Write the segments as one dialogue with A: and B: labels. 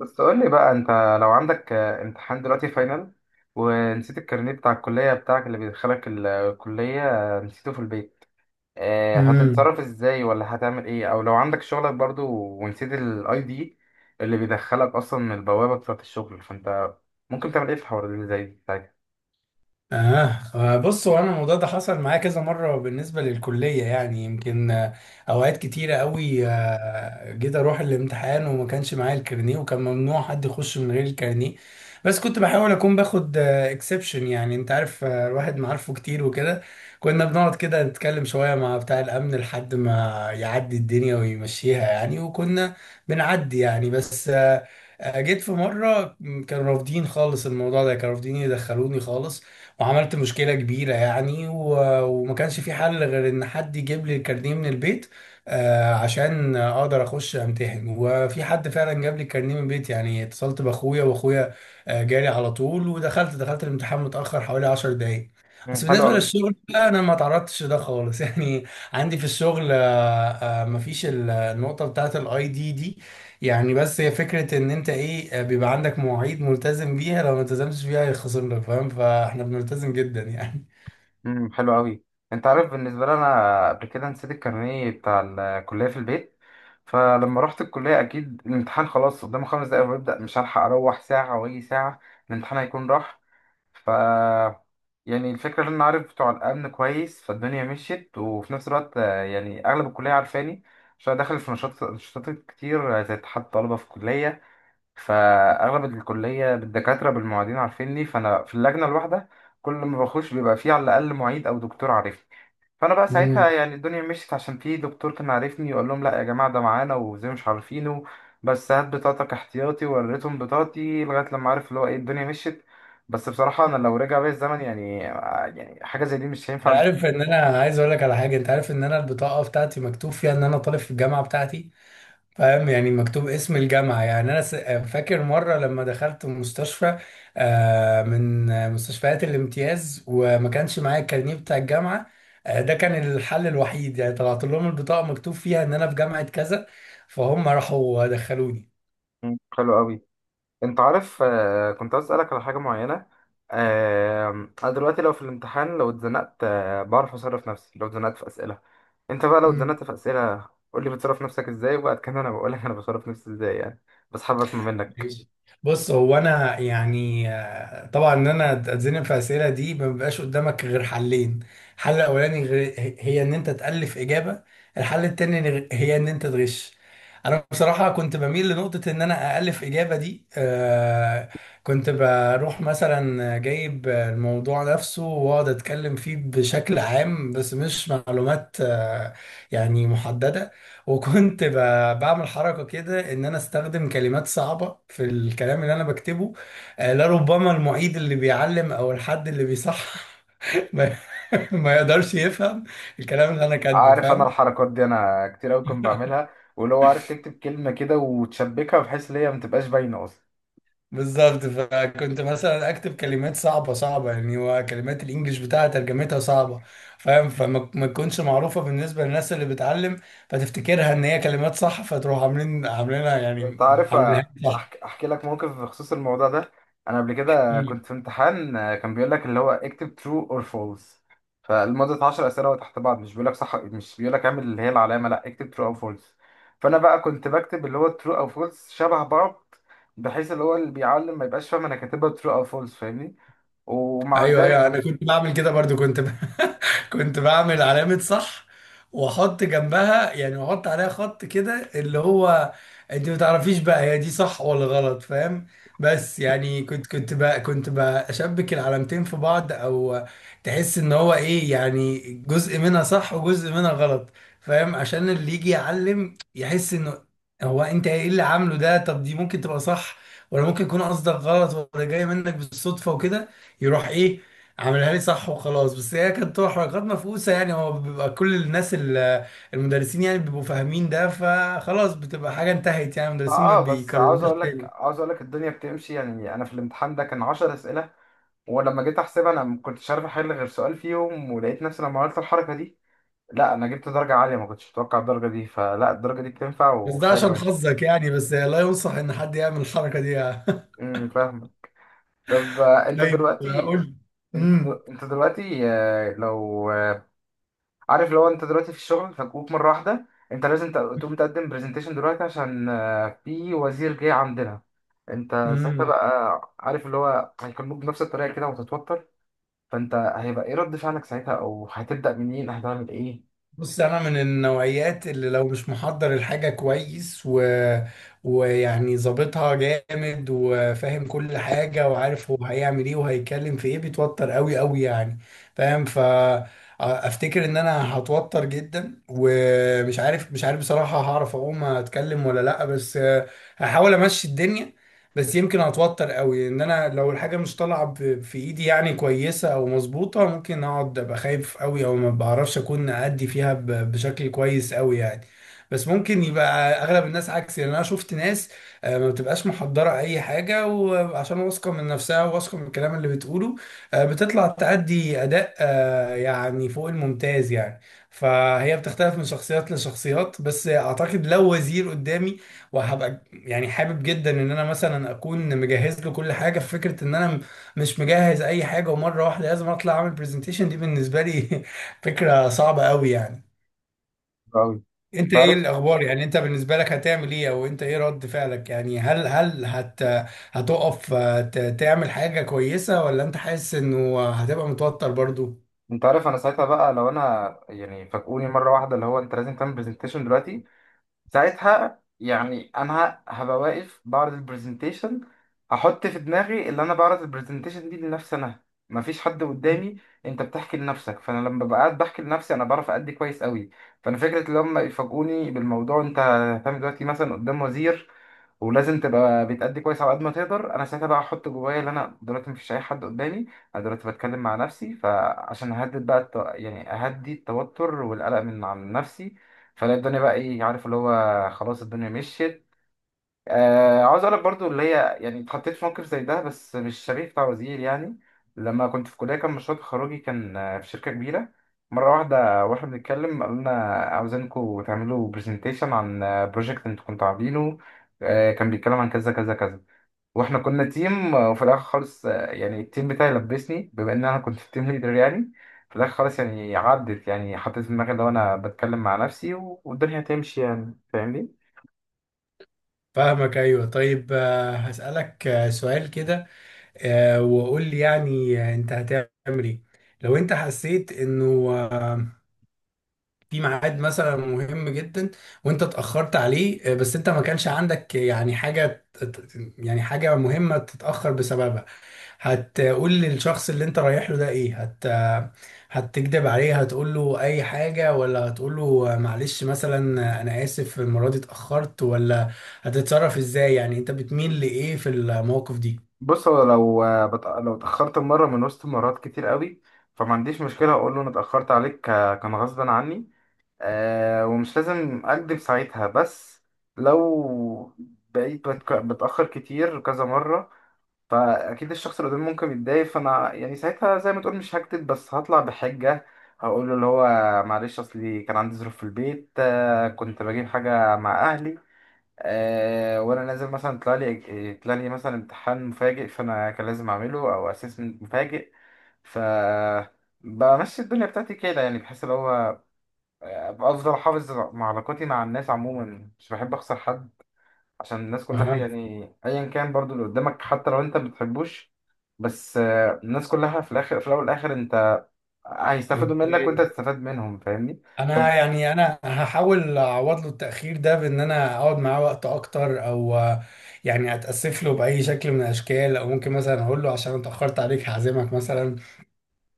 A: بس قول لي بقى انت لو عندك امتحان دلوقتي فاينل ونسيت الكارنيه بتاع الكلية بتاعك اللي بيدخلك الكلية. نسيته في البيت.
B: امم
A: هتتصرف ازاي ولا هتعمل ايه او لو عندك شغلك برضو ونسيت الاي دي اللي بيدخلك اصلا من البوابة بتاعة الشغل، فانت ممكن تعمل ايه في الحوار اللي زي ده ساعتها؟
B: اه بص، هو انا الموضوع ده حصل معايا كذا مره بالنسبه للكليه. يعني يمكن اوقات كتيره قوي، جيت اروح الامتحان وما كانش معايا الكارنيه، وكان ممنوع حد يخش من غير الكارنيه. بس كنت بحاول اكون باخد اكسبشن، يعني انت عارف، الواحد معارفه كتير وكده. كنا بنقعد كده نتكلم شويه مع بتاع الامن لحد ما يعدي الدنيا ويمشيها يعني، وكنا بنعدي يعني. بس آه، آه، جيت في مرة كانوا رافضين خالص الموضوع ده، كانوا رافضين يدخلوني خالص، وعملت مشكلة كبيرة يعني، وما كانش في حل غير ان حد يجيب لي الكارنيه من البيت، عشان اقدر اخش امتحن. وفي حد فعلا جاب لي الكارنيه من البيت، يعني اتصلت باخويا، واخويا جالي على طول، ودخلت الامتحان متأخر حوالي 10 دقايق.
A: مم،
B: بس
A: حلو
B: بالنسبة
A: قوي.
B: للشغل بقى، انا ما تعرضتش ده خالص يعني. عندي في الشغل مفيش النقطة بتاعت الاي دي دي، يعني. بس هي فكرة ان انت ايه، بيبقى عندك مواعيد ملتزم بيها، لو ما التزمتش بيها هيخصم لك، فاهم؟ فاحنا بنلتزم جدا يعني.
A: امم، حلو قوي. انت عارف بالنسبه لي انا قبل كده نسيت الكارنيه بتاع الكليه في البيت، فلما رحت الكليه اكيد الامتحان خلاص قدامه خمس دقايق ويبدا، مش هلحق اروح ساعه واجي ساعه، الامتحان هيكون راح. ف، يعني الفكره ان انا عارف بتوع الامن كويس فالدنيا مشيت، وفي نفس الوقت يعني اغلب الكليه عارفاني عشان أنا داخل في نشاط نشاطات كتير، زي اتحاد الطلبه في الكليه. فاغلب الكليه بالدكاتره بالمعيدين عارفيني، فانا في اللجنه الواحده كل ما بخش بيبقى فيه على الاقل معيد او دكتور عارفني. فانا بقى
B: امم،
A: ساعتها يعني الدنيا مشيت عشان في دكتور كان عارفني يقول لهم لا يا جماعه ده معانا وزي مش عارفينه، بس هات بطاقتك احتياطي، ووريتهم بطاقتي لغايه لما عارف اللي هو ايه الدنيا مشيت. بس بصراحه انا لو رجع بيا الزمن يعني يعني حاجه زي دي مش
B: انت
A: هينفع.
B: عارف ان انا عايز اقول لك على حاجة؟ انت عارف ان انا البطاقة بتاعتي مكتوب فيها ان انا طالب في الجامعة بتاعتي، فاهم؟ يعني مكتوب اسم الجامعة. يعني انا فاكر مرة لما دخلت مستشفى، من مستشفيات الامتياز، وما كانش معايا الكارنيه بتاع الجامعة. ده كان الحل الوحيد، يعني طلعت لهم البطاقة مكتوب فيها ان انا في جامعة كذا، فهم راحوا دخلوني.
A: مم. حلو قوي. انت عارف، كنت عايز اسالك على حاجه معينه. آه، انا دلوقتي لو في الامتحان لو اتزنقت، بعرف اصرف نفسي لو اتزنقت في اسئله. انت بقى لو
B: مم.
A: اتزنقت في اسئله قول لي بتصرف نفسك ازاي، وبعد كده انا بقول لك انا بصرف نفسي ازاي يعني، بس حابب اسمع منك.
B: ماشي. بص، هو انا يعني، طبعا ان انا اتزنق في الاسئله دي ما بيبقاش قدامك غير حلين. الحل الاولاني هي ان انت تالف اجابه. الحل التاني هي ان انت تغش. انا بصراحه كنت بميل لنقطه ان انا الف اجابه دي. كنت بروح مثلا جايب الموضوع نفسه واقعد اتكلم فيه بشكل عام، بس مش معلومات يعني محدده. وكنت بعمل حركة كده، إن أنا أستخدم كلمات صعبة في الكلام اللي أنا بكتبه، لربما المعيد اللي بيعلم أو الحد اللي بيصحح ما ما يقدرش يفهم الكلام اللي أنا كاتبه،
A: عارف انا
B: فاهم؟
A: الحركات دي انا كتير قوي كنت بعملها، ولو عارف تكتب كلمه كده وتشبكها بحيث ان هي ما تبقاش باينه اصلا.
B: بالظبط. فكنت مثلا أكتب كلمات صعبة صعبة يعني، وكلمات الإنجليش بتاعها ترجمتها صعبة، فاهم؟ فما ما تكونش معروفة بالنسبة للناس اللي بتعلم، فتفتكرها إن هي كلمات صح، فتروح عاملينها يعني
A: انت عارف
B: عاملينها صح.
A: احكي لك موقف بخصوص الموضوع ده. انا قبل كده كنت في امتحان، كان بيقول لك اللي هو اكتب true or false فلمدة 10 اسئله تحت بعض، مش بيقول لك صح مش بيقول لك اعمل اللي هي العلامه، لا اكتب true او false. فانا بقى كنت بكتب اللي هو true او false شبه بعض بحيث اللي هو اللي بيعلم ما يبقاش فاهم انا كاتبها true او false، فاهمني؟ ومع
B: ايوه،
A: ذلك،
B: ايوه، انا كنت بعمل كده برضو. كنت بعمل علامة صح، واحط جنبها يعني، واحط عليها خط كده، اللي هو انت ما تعرفيش بقى هي دي صح ولا غلط، فاهم؟ بس يعني كنت بشبك العلامتين في بعض، او تحس ان هو ايه يعني، جزء منها صح وجزء منها غلط، فاهم؟ عشان اللي يجي يعلم يحس انه، هو انت ايه اللي عامله ده؟ طب دي ممكن تبقى صح، ولا ممكن يكون قصدك غلط، ولا جاي منك بالصدفة وكده. يروح ايه، عملها لي صح وخلاص. بس هي كانت تبقى حركات مفقوسه يعني، هو بيبقى كل الناس المدرسين يعني بيبقوا فاهمين ده، فخلاص بتبقى حاجه انتهت، يعني المدرسين ما
A: اه بس عاوز
B: بيكرروش
A: اقول لك
B: تاني.
A: عاوز اقول لك الدنيا بتمشي يعني. انا في الامتحان ده كان 10 اسئله ولما جيت احسبها انا ما كنتش عارف احل غير سؤال فيهم، ولقيت نفسي لما عملت الحركه دي، لا انا جبت درجه عاليه، ما كنتش متوقع الدرجه دي، فلا الدرجه دي بتنفع
B: بس ده
A: وحلوه
B: عشان
A: يعني.
B: حظك يعني، بس لا ينصح ان حد يعمل الحركه دي يعني.
A: امم، فاهم. طب انت
B: طيب
A: دلوقتي،
B: قول.
A: انت دلوقتي لو عارف لو انت دلوقتي في الشغل فجوك مره واحده، انت لازم تقوم تقدم برزنتيشن دلوقتي عشان في وزير جاي عندنا. انت ساعتها
B: امم،
A: بقى عارف اللي هو هيكلموك بنفس الطريقه كده وتتوتر، فانت هيبقى ايه رد فعلك ساعتها او هتبدا منين هتعمل ايه؟
B: بص انا من النوعيات اللي لو مش محضر الحاجه كويس و... ويعني ظابطها جامد وفاهم كل حاجه وعارف هو هيعمل ايه وهيتكلم في ايه، بيتوتر قوي قوي يعني، فاهم؟ ف افتكر ان انا هتوتر جدا، ومش عارف، مش عارف بصراحه هعرف اقوم اتكلم ولا لا، بس هحاول امشي الدنيا. بس يمكن اتوتر قوي، ان انا لو الحاجه مش طالعه في ايدي يعني كويسه او مظبوطه، ممكن اقعد ابقى خايف قوي، او ما بعرفش اكون ادي فيها بشكل كويس قوي يعني. بس ممكن يبقى اغلب الناس عكسي، لان انا شفت ناس ما بتبقاش محضره اي حاجه، وعشان واثقه من نفسها وواثقه من الكلام اللي بتقوله، بتطلع تأدي اداء يعني فوق الممتاز يعني. فهي بتختلف من شخصيات لشخصيات. بس اعتقد لو وزير قدامي، وهبقى يعني حابب جدا ان انا مثلا اكون مجهز له كل حاجه، في فكره ان انا مش مجهز اي حاجه ومره واحده لازم اطلع اعمل برزنتيشن، دي بالنسبه لي فكره صعبه قوي يعني.
A: قوي.
B: انت
A: انت
B: ايه
A: عارف
B: الاخبار يعني؟ انت بالنسبه لك هتعمل ايه، او انت ايه رد فعلك يعني؟ هل هل هت هتقف تعمل حاجه كويسه، ولا انت حاسس انه هتبقى متوتر برضو؟
A: انت عارف انا ساعتها بقى لو انا يعني فاجئوني مره واحده اللي هو انت لازم تعمل برزنتيشن دلوقتي، ساعتها يعني انا هبقى واقف بعرض البرزنتيشن، احط في دماغي اللي انا بعرض البرزنتيشن دي لنفسي انا، مفيش حد قدامي. انت بتحكي لنفسك، فانا لما ببقى قاعد بحكي لنفسي انا بعرف ادي كويس قوي. فانا فكره اللي هم يفاجئوني بالموضوع انت هتعمل دلوقتي مثلا قدام وزير ولازم تبقى بتأدي كويس على قد ما تقدر، انا ساعتها بقى احط جوايا ان انا دلوقتي مفيش اي حد قدامي، انا دلوقتي بتكلم مع نفسي، فعشان اهدد بقى يعني اهدي التوتر والقلق من عن نفسي، فلا الدنيا بقى ايه، عارف اللي هو خلاص الدنيا مشيت. آه، عاوز اقول لك برضو اللي هي يعني اتحطيت في موقف زي ده بس مش شبيه بتاع وزير يعني. لما كنت في كليه كان مشروع تخرجي كان في شركه كبيره، مره واحده واحنا بنتكلم قال لنا عاوزينكم تعملوا برزنتيشن عن بروجكت انتوا كنتوا عاملينه. آه كان بيتكلم عن كذا كذا كذا، واحنا كنا تيم، وفي الاخر خالص يعني التيم بتاعي لبسني بما ان انا كنت التيم ليدر يعني. في الاخر خالص يعني عدت يعني، حطيت في دماغي لو انا بتكلم مع نفسي والدنيا هتمشي يعني، فاهمني؟
B: فاهمك. ايوه. طيب هسألك سؤال كده، وقول لي يعني، انت هتعمل ايه لو انت حسيت انه في ميعاد مثلا مهم جدا، وانت اتأخرت عليه، بس انت ما كانش عندك يعني يعني حاجة مهمة تتأخر بسببها؟ هتقول للشخص اللي انت رايح له ده ايه؟ هتكدب عليه، هتقول له اي حاجة، ولا هتقول له معلش مثلا، انا اسف المرة دي اتأخرت، ولا هتتصرف ازاي يعني؟ انت بتميل لايه في المواقف دي؟
A: بص هو لو لو اتأخرت مرة من وسط مرات كتير قوي، فما عنديش مشكلة أقول له أنا اتأخرت عليك كان غصبا عني. آه ومش لازم أكدب ساعتها، بس لو بقيت بتأخر كتير كذا مرة فأكيد الشخص اللي قدامي ممكن يتضايق، فأنا يعني ساعتها زي ما تقول مش هكدب بس هطلع بحجة. هقول له اللي هو معلش أصلي كان عندي ظروف في البيت، آه كنت بجيب حاجة مع أهلي، آه وانا نازل مثلا طلع لي مثلا امتحان مفاجئ فانا كان لازم اعمله او اسسمنت مفاجئ. ف بمشي الدنيا بتاعتي كده يعني، بحس اللي هو أبقى افضل احافظ مع علاقاتي مع الناس عموما، مش بحب اخسر حد عشان الناس كلها
B: اه،
A: يعني، ايا كان برضو اللي قدامك حتى لو انت ما بتحبوش. بس الناس كلها في الاخر في الاول والاخر انت هيستفادوا منك وانت
B: اوكي.
A: تستفاد منهم، فاهمني؟
B: انا
A: طب.
B: يعني، انا هحاول اعوض له التاخير ده بان انا اقعد معاه وقت اكتر، او يعني اتاسف له باي شكل من الاشكال، او ممكن مثلا اقول له عشان اتاخرت عليك هعزمك مثلا.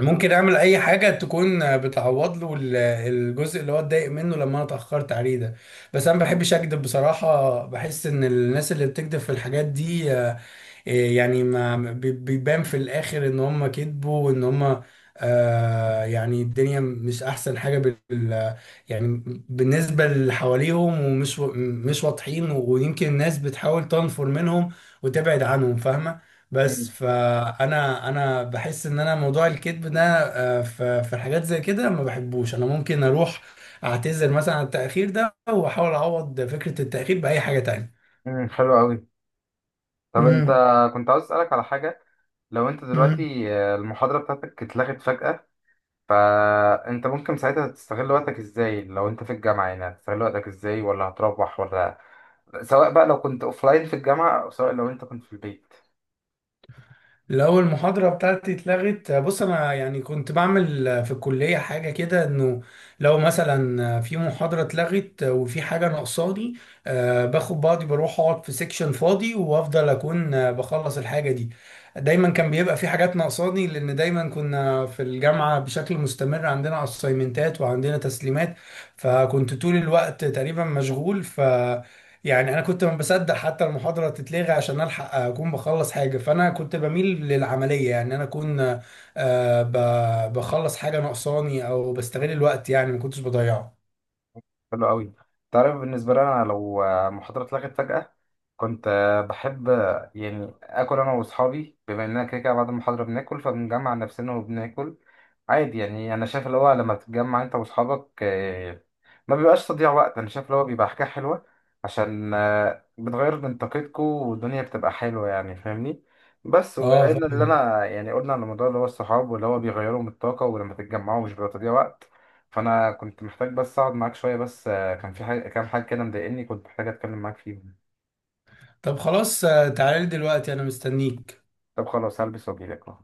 B: ممكن اعمل اي حاجه تكون بتعوض له الجزء اللي هو اتضايق منه لما انا اتاخرت عليه ده. بس انا ما بحبش اكذب بصراحه، بحس ان الناس اللي بتكذب في الحاجات دي إيه يعني، ما بي- بيبان في الاخر ان هم كذبوا، وان هم آه يعني الدنيا مش احسن حاجه يعني بالنسبه اللي حواليهم، ومش مش واضحين، ويمكن الناس بتحاول تنفر منهم وتبعد عنهم، فاهمه؟ بس
A: مم،
B: فانا انا بحس ان انا موضوع الكذب ده في حاجات زي كده ما بحبوش. انا ممكن اروح اعتذر مثلا عن التاخير ده، واحاول اعوض فكره التاخير باي حاجه تانية.
A: مم، حلو قوي. طب انت كنت عاوز اسالك على حاجه، لو انت
B: امم.
A: دلوقتي المحاضرة بتاعتك اتلغت فجأة، فانت ممكن ساعتها تستغل وقتك ازاي؟ لو انت في الجامعة يعني هتستغل وقتك ازاي ولا هتروح؟ ولا سواء بقى لو كنت اوفلاين في الجامعة او سواء لو انت كنت في البيت.
B: لو المحاضرة بتاعتي اتلغت، بص أنا يعني كنت بعمل في الكلية حاجة كده، إنه لو مثلا في محاضرة اتلغت وفي حاجة ناقصاني، باخد بعضي بروح أقعد في سيكشن فاضي، وأفضل أكون بخلص الحاجة دي. دايما كان بيبقى في حاجات ناقصاني، لأن دايما كنا في الجامعة بشكل مستمر عندنا أسايمنتات وعندنا تسليمات، فكنت طول الوقت تقريبا مشغول. ف يعني انا كنت ما بصدق حتى المحاضره تتلغي عشان الحق اكون بخلص حاجه. فانا كنت بميل للعمليه، يعني انا اكون آه، بخلص حاجه ناقصاني، او بستغل الوقت يعني ما كنتش بضيعه.
A: حلو قوي. تعرف بالنسبة لي انا لو محاضرة اتلغت فجأة كنت بحب يعني اكل انا واصحابي، بما اننا كده كده بعد المحاضرة بناكل، فبنجمع نفسنا وبناكل عادي يعني. انا شايف اللي هو لما تتجمع انت واصحابك ما بيبقاش تضييع وقت، انا شايف اللي هو بيبقى حاجه حلوه عشان بتغير من طاقتكم والدنيا بتبقى حلوه يعني، فاهمني؟ بس
B: اه،
A: وبما ان اللي
B: فاهم.
A: انا يعني قلنا على الموضوع اللي هو الصحاب واللي هو بيغيروا من الطاقه ولما تتجمعوا مش بيبقى تضييع وقت، فانا كنت محتاج بس اقعد معاك شويه، بس كان في حاجه كام حاجه كده مضايقني كنت محتاج اتكلم معاك فيهم.
B: طب خلاص، تعالى لي دلوقتي انا مستنيك.
A: طب خلاص، هلبس واجيلك أهو.